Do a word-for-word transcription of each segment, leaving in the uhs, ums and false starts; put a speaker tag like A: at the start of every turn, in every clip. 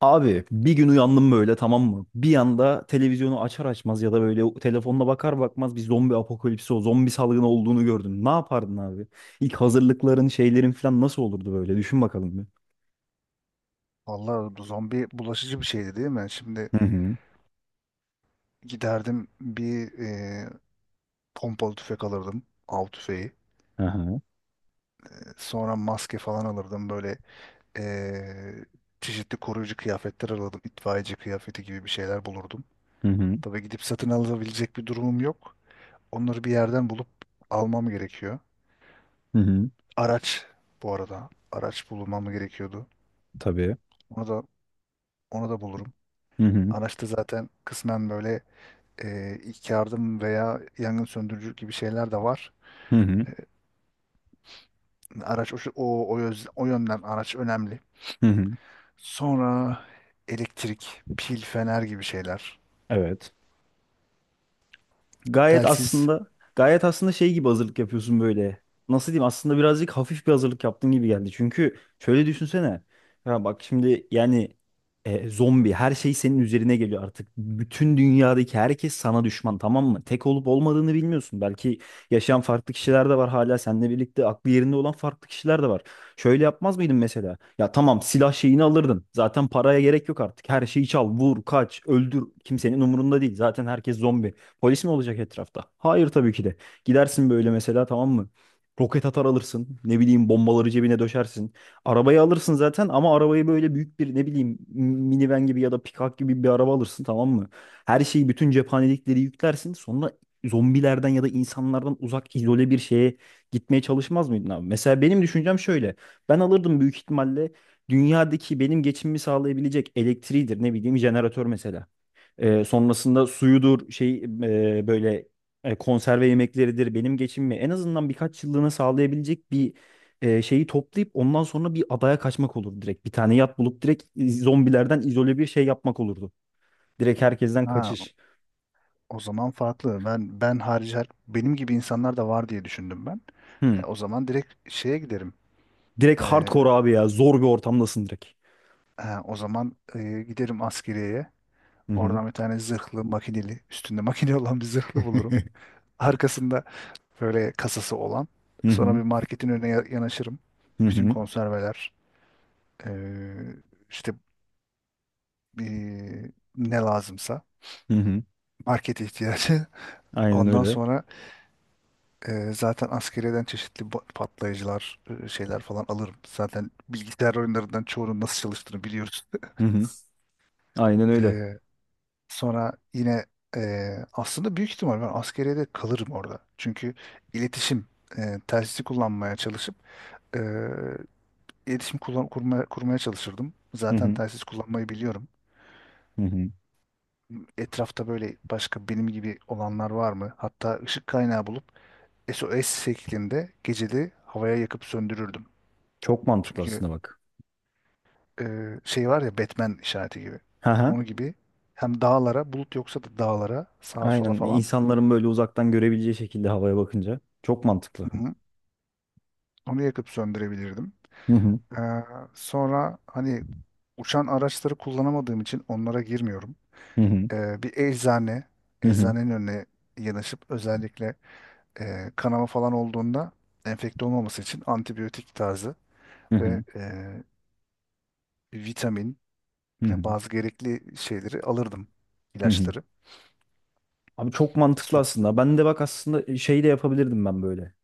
A: Abi bir gün uyandım böyle, tamam mı? Bir anda televizyonu açar açmaz ya da böyle o- telefonuna bakar bakmaz bir zombi apokalipsi, o zombi salgını olduğunu gördüm. Ne yapardın abi? İlk hazırlıkların, şeylerin falan nasıl olurdu böyle? Düşün bakalım bir.
B: Vallahi bu zombi bulaşıcı bir şeydi, değil mi? Şimdi
A: Hı hı.
B: giderdim, bir e, pompalı tüfek alırdım. Av tüfeği.
A: Aha.
B: E, Sonra maske falan alırdım. Böyle e, çeşitli koruyucu kıyafetler alırdım. İtfaiyeci kıyafeti gibi bir şeyler bulurdum.
A: Hı hı.
B: Tabii gidip satın alabilecek bir durumum yok. Onları bir yerden bulup almam gerekiyor.
A: Hı hı.
B: Araç bu arada. Araç bulmam gerekiyordu.
A: Tabii.
B: Onu da onu da bulurum.
A: Hı hı.
B: Araçta zaten kısmen böyle e, ilk yardım veya yangın söndürücü gibi şeyler de var.
A: Hı hı.
B: Araç o, o, o, yöz- o yönden araç önemli.
A: Hı hı.
B: Sonra elektrik, pil, fener gibi şeyler.
A: Evet. Gayet
B: Telsiz.
A: aslında Gayet aslında şey gibi hazırlık yapıyorsun böyle. Nasıl diyeyim? Aslında birazcık hafif bir hazırlık yaptığın gibi geldi. Çünkü şöyle düşünsene. Ya bak şimdi yani e, zombi, her şey senin üzerine geliyor artık. Bütün dünyadaki herkes sana düşman, tamam mı? Tek olup olmadığını bilmiyorsun. Belki yaşayan farklı kişiler de var, hala seninle birlikte aklı yerinde olan farklı kişiler de var. Şöyle yapmaz mıydın mesela? Ya tamam, silah şeyini alırdın. Zaten paraya gerek yok artık. Her şeyi çal, vur, kaç, öldür. Kimsenin umurunda değil. Zaten herkes zombi. Polis mi olacak etrafta? Hayır, tabii ki de. Gidersin böyle mesela, tamam mı? Roket atar alırsın. Ne bileyim, bombaları cebine döşersin. Arabayı alırsın zaten, ama arabayı böyle büyük bir, ne bileyim, minivan gibi ya da pikap gibi bir araba alırsın, tamam mı? Her şeyi, bütün cephanelikleri yüklersin. Sonra zombilerden ya da insanlardan uzak izole bir şeye gitmeye çalışmaz mıydın abi? Mesela benim düşüncem şöyle. Ben alırdım büyük ihtimalle dünyadaki benim geçimimi sağlayabilecek elektriğidir, ne bileyim jeneratör mesela. Ee, sonrasında suyudur, şey e, böyle e, konserve yemekleridir, benim geçimimi en azından birkaç yıllığına sağlayabilecek bir e, şeyi toplayıp ondan sonra bir adaya kaçmak olur direkt. Bir tane yat bulup direkt iz- zombilerden izole bir şey yapmak olurdu. Direkt herkesten
B: Ha,
A: kaçış.
B: o zaman farklı. Ben ben harici her- benim gibi insanlar da var diye düşündüm ben.
A: Hı.
B: E, o zaman direkt şeye giderim.
A: Direkt
B: E,
A: hardcore abi ya. Zor bir ortamdasın direkt.
B: ha, o zaman e, giderim askeriyeye.
A: Hı hı.
B: Oradan bir tane zırhlı, makineli, üstünde makine olan bir zırhlı bulurum. Arkasında böyle kasası olan.
A: Hı
B: Sonra
A: hı.
B: bir marketin önüne ya- yanaşırım.
A: Hı
B: Bütün
A: hı.
B: konserveler, e, işte eee, ne lazımsa
A: Hı hı.
B: market ihtiyacı.
A: Aynen
B: Ondan
A: öyle.
B: sonra eee, zaten askeriyeden çeşitli ba- patlayıcılar, eee, şeyler falan alırım. Zaten bilgisayar oyunlarından çoğunun nasıl çalıştığını biliyoruz.
A: Hı hı. Aynen öyle.
B: Eee, Sonra yine eee, aslında büyük ihtimal ben askeriyede kalırım orada. Çünkü iletişim, eee telsizi kullanmaya çalışıp eee, iletişim kullan kurmaya, kurmaya çalışırdım.
A: Hı
B: Zaten
A: hı.
B: telsiz kullanmayı biliyorum.
A: Hı hı.
B: Etrafta böyle başka benim gibi olanlar var mı? Hatta ışık kaynağı bulup S O S şeklinde geceli havaya yakıp söndürürdüm.
A: Çok mantıklı
B: Çünkü
A: aslında, bak.
B: e, şey var ya, Batman işareti gibi.
A: Hı hı.
B: Onu gibi hem dağlara, bulut yoksa da dağlara, sağa sola
A: Aynen,
B: falan,
A: insanların böyle uzaktan görebileceği şekilde havaya bakınca çok mantıklı.
B: hı hı, onu yakıp söndürebilirdim.
A: Hı hı.
B: Ee, Sonra hani uçan araçları kullanamadığım için onlara girmiyorum.
A: Hı hı.
B: Ee, bir eczane,
A: Hı hı.
B: eczanenin önüne yanaşıp özellikle e, kanama falan olduğunda enfekte olmaması için antibiyotik tarzı
A: Hı
B: ve
A: hı.
B: e, vitamin,
A: Hı hı.
B: yani bazı gerekli şeyleri alırdım.
A: Hı hı.
B: İlaçları.
A: Abi çok mantıklı
B: Sok.
A: aslında. Ben de bak aslında e, şey de yapabilirdim ben böyle.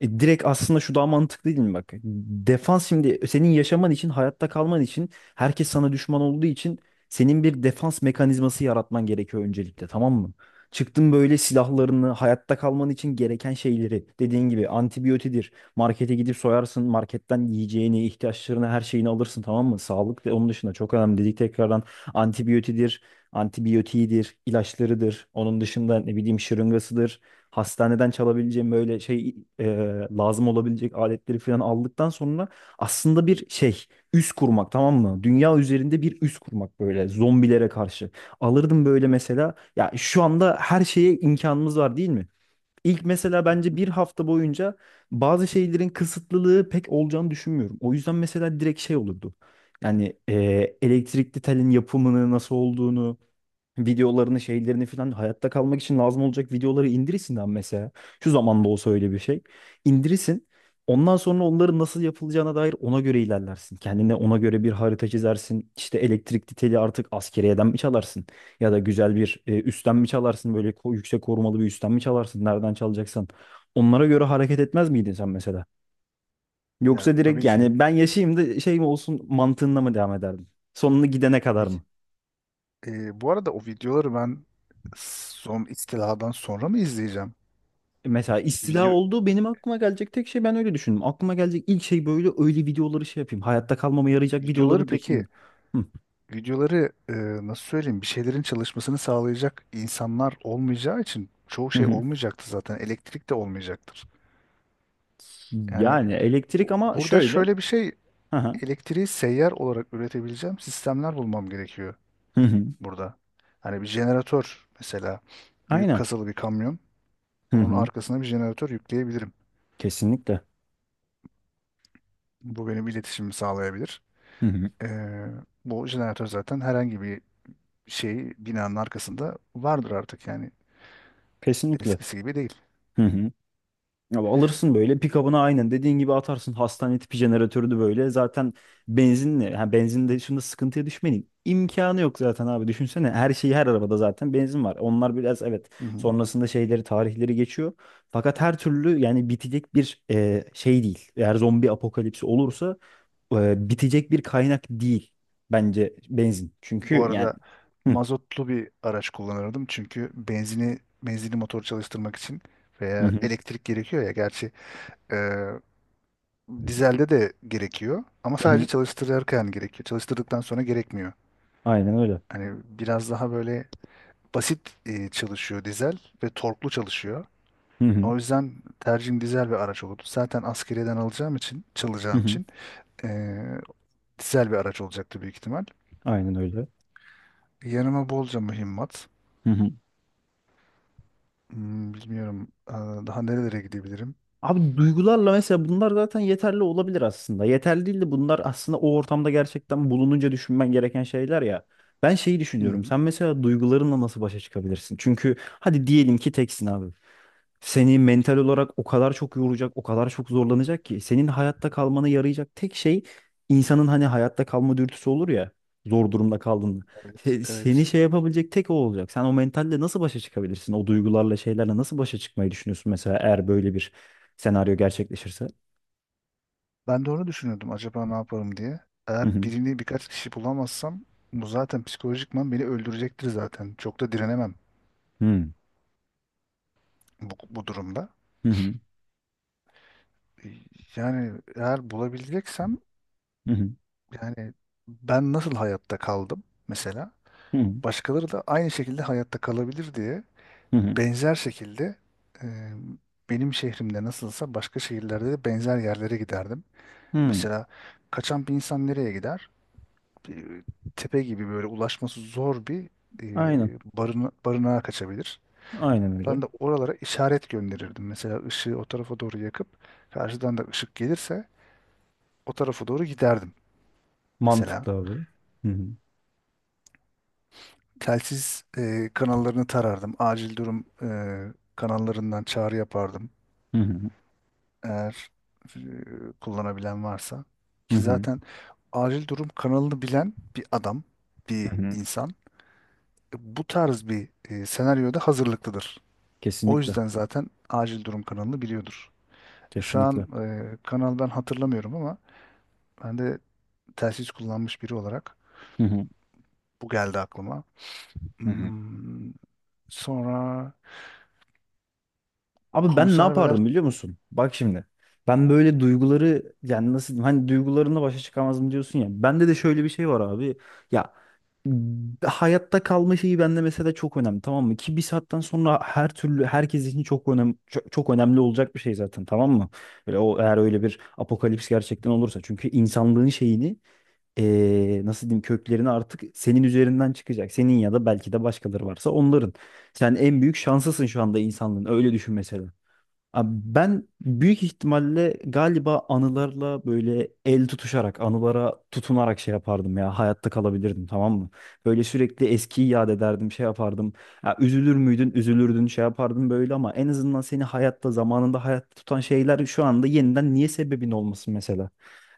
A: E, direkt aslında şu daha mantıklı değil mi, bak? Defans, şimdi senin yaşaman için, hayatta kalman için, herkes sana düşman olduğu için senin bir defans mekanizması yaratman gerekiyor öncelikle, tamam mı? Çıktın böyle, silahlarını, hayatta kalman için gereken şeyleri, dediğin gibi antibiyotidir. Markete gidip soyarsın, marketten yiyeceğini, ihtiyaçlarını, her şeyini alırsın, tamam mı? Sağlık ve onun dışında çok önemli dedik tekrardan. Antibiyotidir, Antibiyotiğidir, ilaçlarıdır. Onun dışında ne bileyim şırıngasıdır, hastaneden çalabileceğim böyle şey e, lazım olabilecek aletleri falan aldıktan sonra aslında bir şey, üs kurmak, tamam mı? Dünya üzerinde bir üs kurmak böyle zombilere karşı. Alırdım böyle mesela, ya şu anda her şeye imkanımız var değil mi? İlk mesela
B: Hı
A: bence
B: hı.
A: bir hafta boyunca bazı şeylerin kısıtlılığı pek olacağını düşünmüyorum. O yüzden mesela direkt şey olurdu. Yani e, elektrikli telin yapımını nasıl olduğunu, videolarını, şeylerini falan hayatta kalmak için lazım olacak videoları indirsin lan mesela. Şu zamanda olsa öyle bir şey. İndirirsin. Ondan sonra onların nasıl yapılacağına dair ona göre ilerlersin. Kendine ona göre bir harita çizersin. İşte elektrikli teli artık askeriyeden mi çalarsın? Ya da güzel bir, e, üstten mi çalarsın? Böyle ko- yüksek korumalı bir üstten mi çalarsın? Nereden çalacaksan. Onlara göre hareket etmez miydin sen mesela?
B: Yani
A: Yoksa direkt
B: tabii ki.
A: yani ben yaşayayım da şey mi olsun mantığında mı devam ederdin? Sonunu gidene kadar
B: Peki.
A: mı?
B: Ee, bu arada o videoları ben son istiladan sonra mı izleyeceğim?
A: Mesela istila
B: Video
A: olduğu benim aklıma gelecek tek şey, ben öyle düşündüm. Aklıma gelecek ilk şey böyle öyle videoları şey yapayım. Hayatta kalmama yarayacak
B: Videoları,
A: videoları direkt
B: peki
A: in. Hı.
B: videoları, e, nasıl söyleyeyim, bir şeylerin çalışmasını sağlayacak insanlar olmayacağı için çoğu
A: Hı
B: şey
A: hı.
B: olmayacaktı zaten. Elektrik de olmayacaktır. Yani
A: Yani elektrik,
B: o-
A: ama
B: burada
A: şöyle.
B: şöyle bir şey,
A: Hı hı.
B: elektriği seyyar olarak üretebileceğim sistemler bulmam gerekiyor
A: Hı hı.
B: burada. Hani bir jeneratör mesela, büyük
A: Aynen.
B: kasalı bir kamyon.
A: Hı
B: Onun
A: hı.
B: arkasına bir jeneratör yükleyebilirim.
A: Kesinlikle.
B: Bu benim iletişimimi sağlayabilir.
A: Hı hı.
B: Ee, Bu jeneratör zaten herhangi bir şey binanın arkasında vardır artık, yani
A: Kesinlikle.
B: eskisi gibi değil.
A: Hı hı. Ya alırsın böyle pick-up'ına, aynen dediğin gibi atarsın hastane tipi jeneratörü de böyle zaten benzinle, ha benzin de şimdi sıkıntıya düşmenin imkanı yok zaten abi, düşünsene her şeyi, her arabada zaten benzin var, onlar biraz evet,
B: Hı hı.
A: sonrasında şeyleri, tarihleri geçiyor, fakat her türlü yani bitecek bir e, şey değil eğer zombi apokalipsi olursa. E, bitecek bir kaynak değil bence benzin,
B: Bu
A: çünkü yani
B: arada
A: hı
B: mazotlu bir araç kullanırdım, çünkü benzini, benzinli motor çalıştırmak için
A: hı.
B: veya
A: Hı.
B: elektrik gerekiyor ya, gerçi e, dizelde de gerekiyor ama sadece
A: Hı.
B: çalıştırırken gerekiyor. Çalıştırdıktan sonra gerekmiyor.
A: Aynen öyle.
B: Hani biraz daha böyle basit e, çalışıyor dizel ve torklu çalışıyor.
A: Hı hı.
B: O yüzden tercihim dizel bir araç oldu. Zaten askeriyeden alacağım için,
A: Hı
B: çalacağım
A: hı.
B: için e, dizel bir araç olacaktı büyük ihtimal.
A: Aynen öyle.
B: Yanıma bolca mühimmat.
A: Hı hı.
B: Hmm, bilmiyorum e, daha nerelere gidebilirim.
A: Abi duygularla mesela, bunlar zaten yeterli olabilir aslında. Yeterli değil de, bunlar aslında o ortamda gerçekten bulununca düşünmen gereken şeyler ya. Ben şeyi
B: Hı
A: düşünüyorum.
B: hı,
A: Sen mesela duygularınla nasıl başa çıkabilirsin? Çünkü hadi diyelim ki teksin abi. Seni mental olarak o kadar çok yoracak, o kadar çok zorlanacak ki, senin hayatta kalmana yarayacak tek şey insanın hani hayatta kalma dürtüsü olur ya, zor durumda kaldığında.
B: evet,
A: Se- Seni
B: evet.
A: şey yapabilecek tek o olacak. Sen o mentalle nasıl başa çıkabilirsin? O duygularla, şeylerle nasıl başa çıkmayı düşünüyorsun mesela, eğer böyle bir senaryo gerçekleşirse.
B: Ben de onu düşünüyordum, acaba ne yaparım diye.
A: Hı
B: Eğer
A: hı.
B: birini, birkaç kişi bulamazsam bu zaten psikolojikman beni öldürecektir zaten. Çok da direnemem
A: Hı hı.
B: bu, bu durumda.
A: Hı hı.
B: Yani eğer bulabileceksem,
A: Hı
B: yani ben nasıl hayatta kaldım mesela,
A: hı.
B: başkaları da aynı şekilde hayatta kalabilir diye,
A: Hı hı.
B: benzer şekilde e, benim şehrimde nasılsa başka şehirlerde de benzer yerlere giderdim.
A: Hı.
B: Mesela kaçan bir insan nereye gider? Bir tepe gibi böyle ulaşması zor bir e,
A: Aynen.
B: barına, barınağa kaçabilir.
A: Aynen öyle.
B: Ben de oralara işaret gönderirdim. Mesela ışığı o tarafa doğru yakıp, karşıdan da ışık gelirse o tarafa doğru giderdim mesela.
A: Mantıklı abi. Hı hı.
B: Telsiz e, kanallarını tarardım. Acil durum e, kanallarından çağrı yapardım.
A: Hı hı.
B: Eğer e, kullanabilen varsa.
A: Hı
B: Ki
A: hı.
B: zaten acil durum kanalını bilen bir adam,
A: Hı
B: bir
A: hı.
B: insan e, bu tarz bir e, senaryoda hazırlıklıdır. O
A: Kesinlikle.
B: yüzden zaten acil durum kanalını biliyordur. E, Şu
A: Kesinlikle.
B: an e, kanal, ben hatırlamıyorum ama ben de telsiz kullanmış biri olarak
A: Hı hı.
B: bu geldi aklıma.
A: Hı hı.
B: Hmm, sonra
A: Abi ben ne
B: konserveler.
A: yapardım biliyor musun? Bak şimdi. Ben böyle duyguları yani nasıl diyeyim, hani duygularımla başa çıkamazdım diyorsun ya. Bende de şöyle bir şey var abi. Ya b- hayatta kalma şeyi bende mesela çok önemli, tamam mı? Ki bir saatten sonra her türlü herkes için çok önemli, çok, çok önemli olacak bir şey zaten, tamam mı? Böyle o, eğer öyle bir apokalips gerçekten olursa, çünkü insanlığın şeyini, eee, nasıl diyeyim, köklerini artık senin üzerinden çıkacak. Senin ya da belki de başkaları varsa onların. Sen en büyük şanslısın şu anda insanlığın. Öyle düşün mesela. Abi ben büyük ihtimalle galiba anılarla böyle el tutuşarak, anılara tutunarak şey yapardım ya. Hayatta kalabilirdim, tamam mı? Böyle sürekli eskiyi yad ederdim, şey yapardım. Ya üzülür müydün, üzülürdün, şey yapardım böyle, ama en azından seni hayatta, zamanında hayatta tutan şeyler şu anda yeniden niye sebebin olmasın mesela?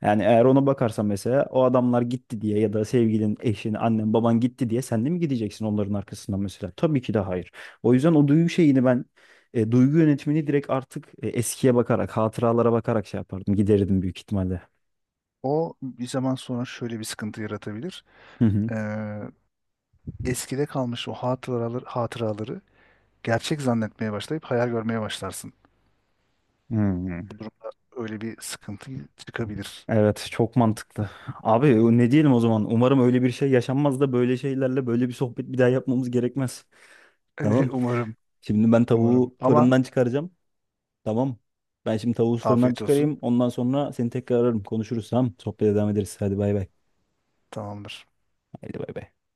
A: Yani eğer ona bakarsan mesela, o adamlar gitti diye ya da sevgilin, eşin, annen, baban gitti diye sen de mi gideceksin onların arkasından mesela? Tabii ki de hayır. O yüzden o duygu şeyini ben, e, duygu yönetimini direkt artık e, eskiye bakarak, hatıralara bakarak şey yapardım. Giderirdim büyük ihtimalle.
B: O bir zaman sonra şöyle bir sıkıntı yaratabilir.
A: Hı hı.
B: Ee, Eskide kalmış o hatıraları, hatıraları gerçek zannetmeye başlayıp hayal görmeye başlarsın.
A: Hmm.
B: Bu durumda öyle bir sıkıntı çıkabilir.
A: Evet, çok mantıklı. Abi o ne diyelim o zaman? Umarım öyle bir şey yaşanmaz da böyle şeylerle böyle bir sohbet bir daha yapmamız gerekmez. Tamam.
B: Umarım,
A: Şimdi ben
B: umarım.
A: tavuğu
B: Ama
A: fırından çıkaracağım. Tamam. Ben şimdi tavuğu fırından
B: afiyet olsun.
A: çıkarayım. Ondan sonra seni tekrar ararım. Konuşuruz, tamam. Sohbete devam ederiz. Hadi bay bay.
B: Tamamdır.
A: Hadi bay bay.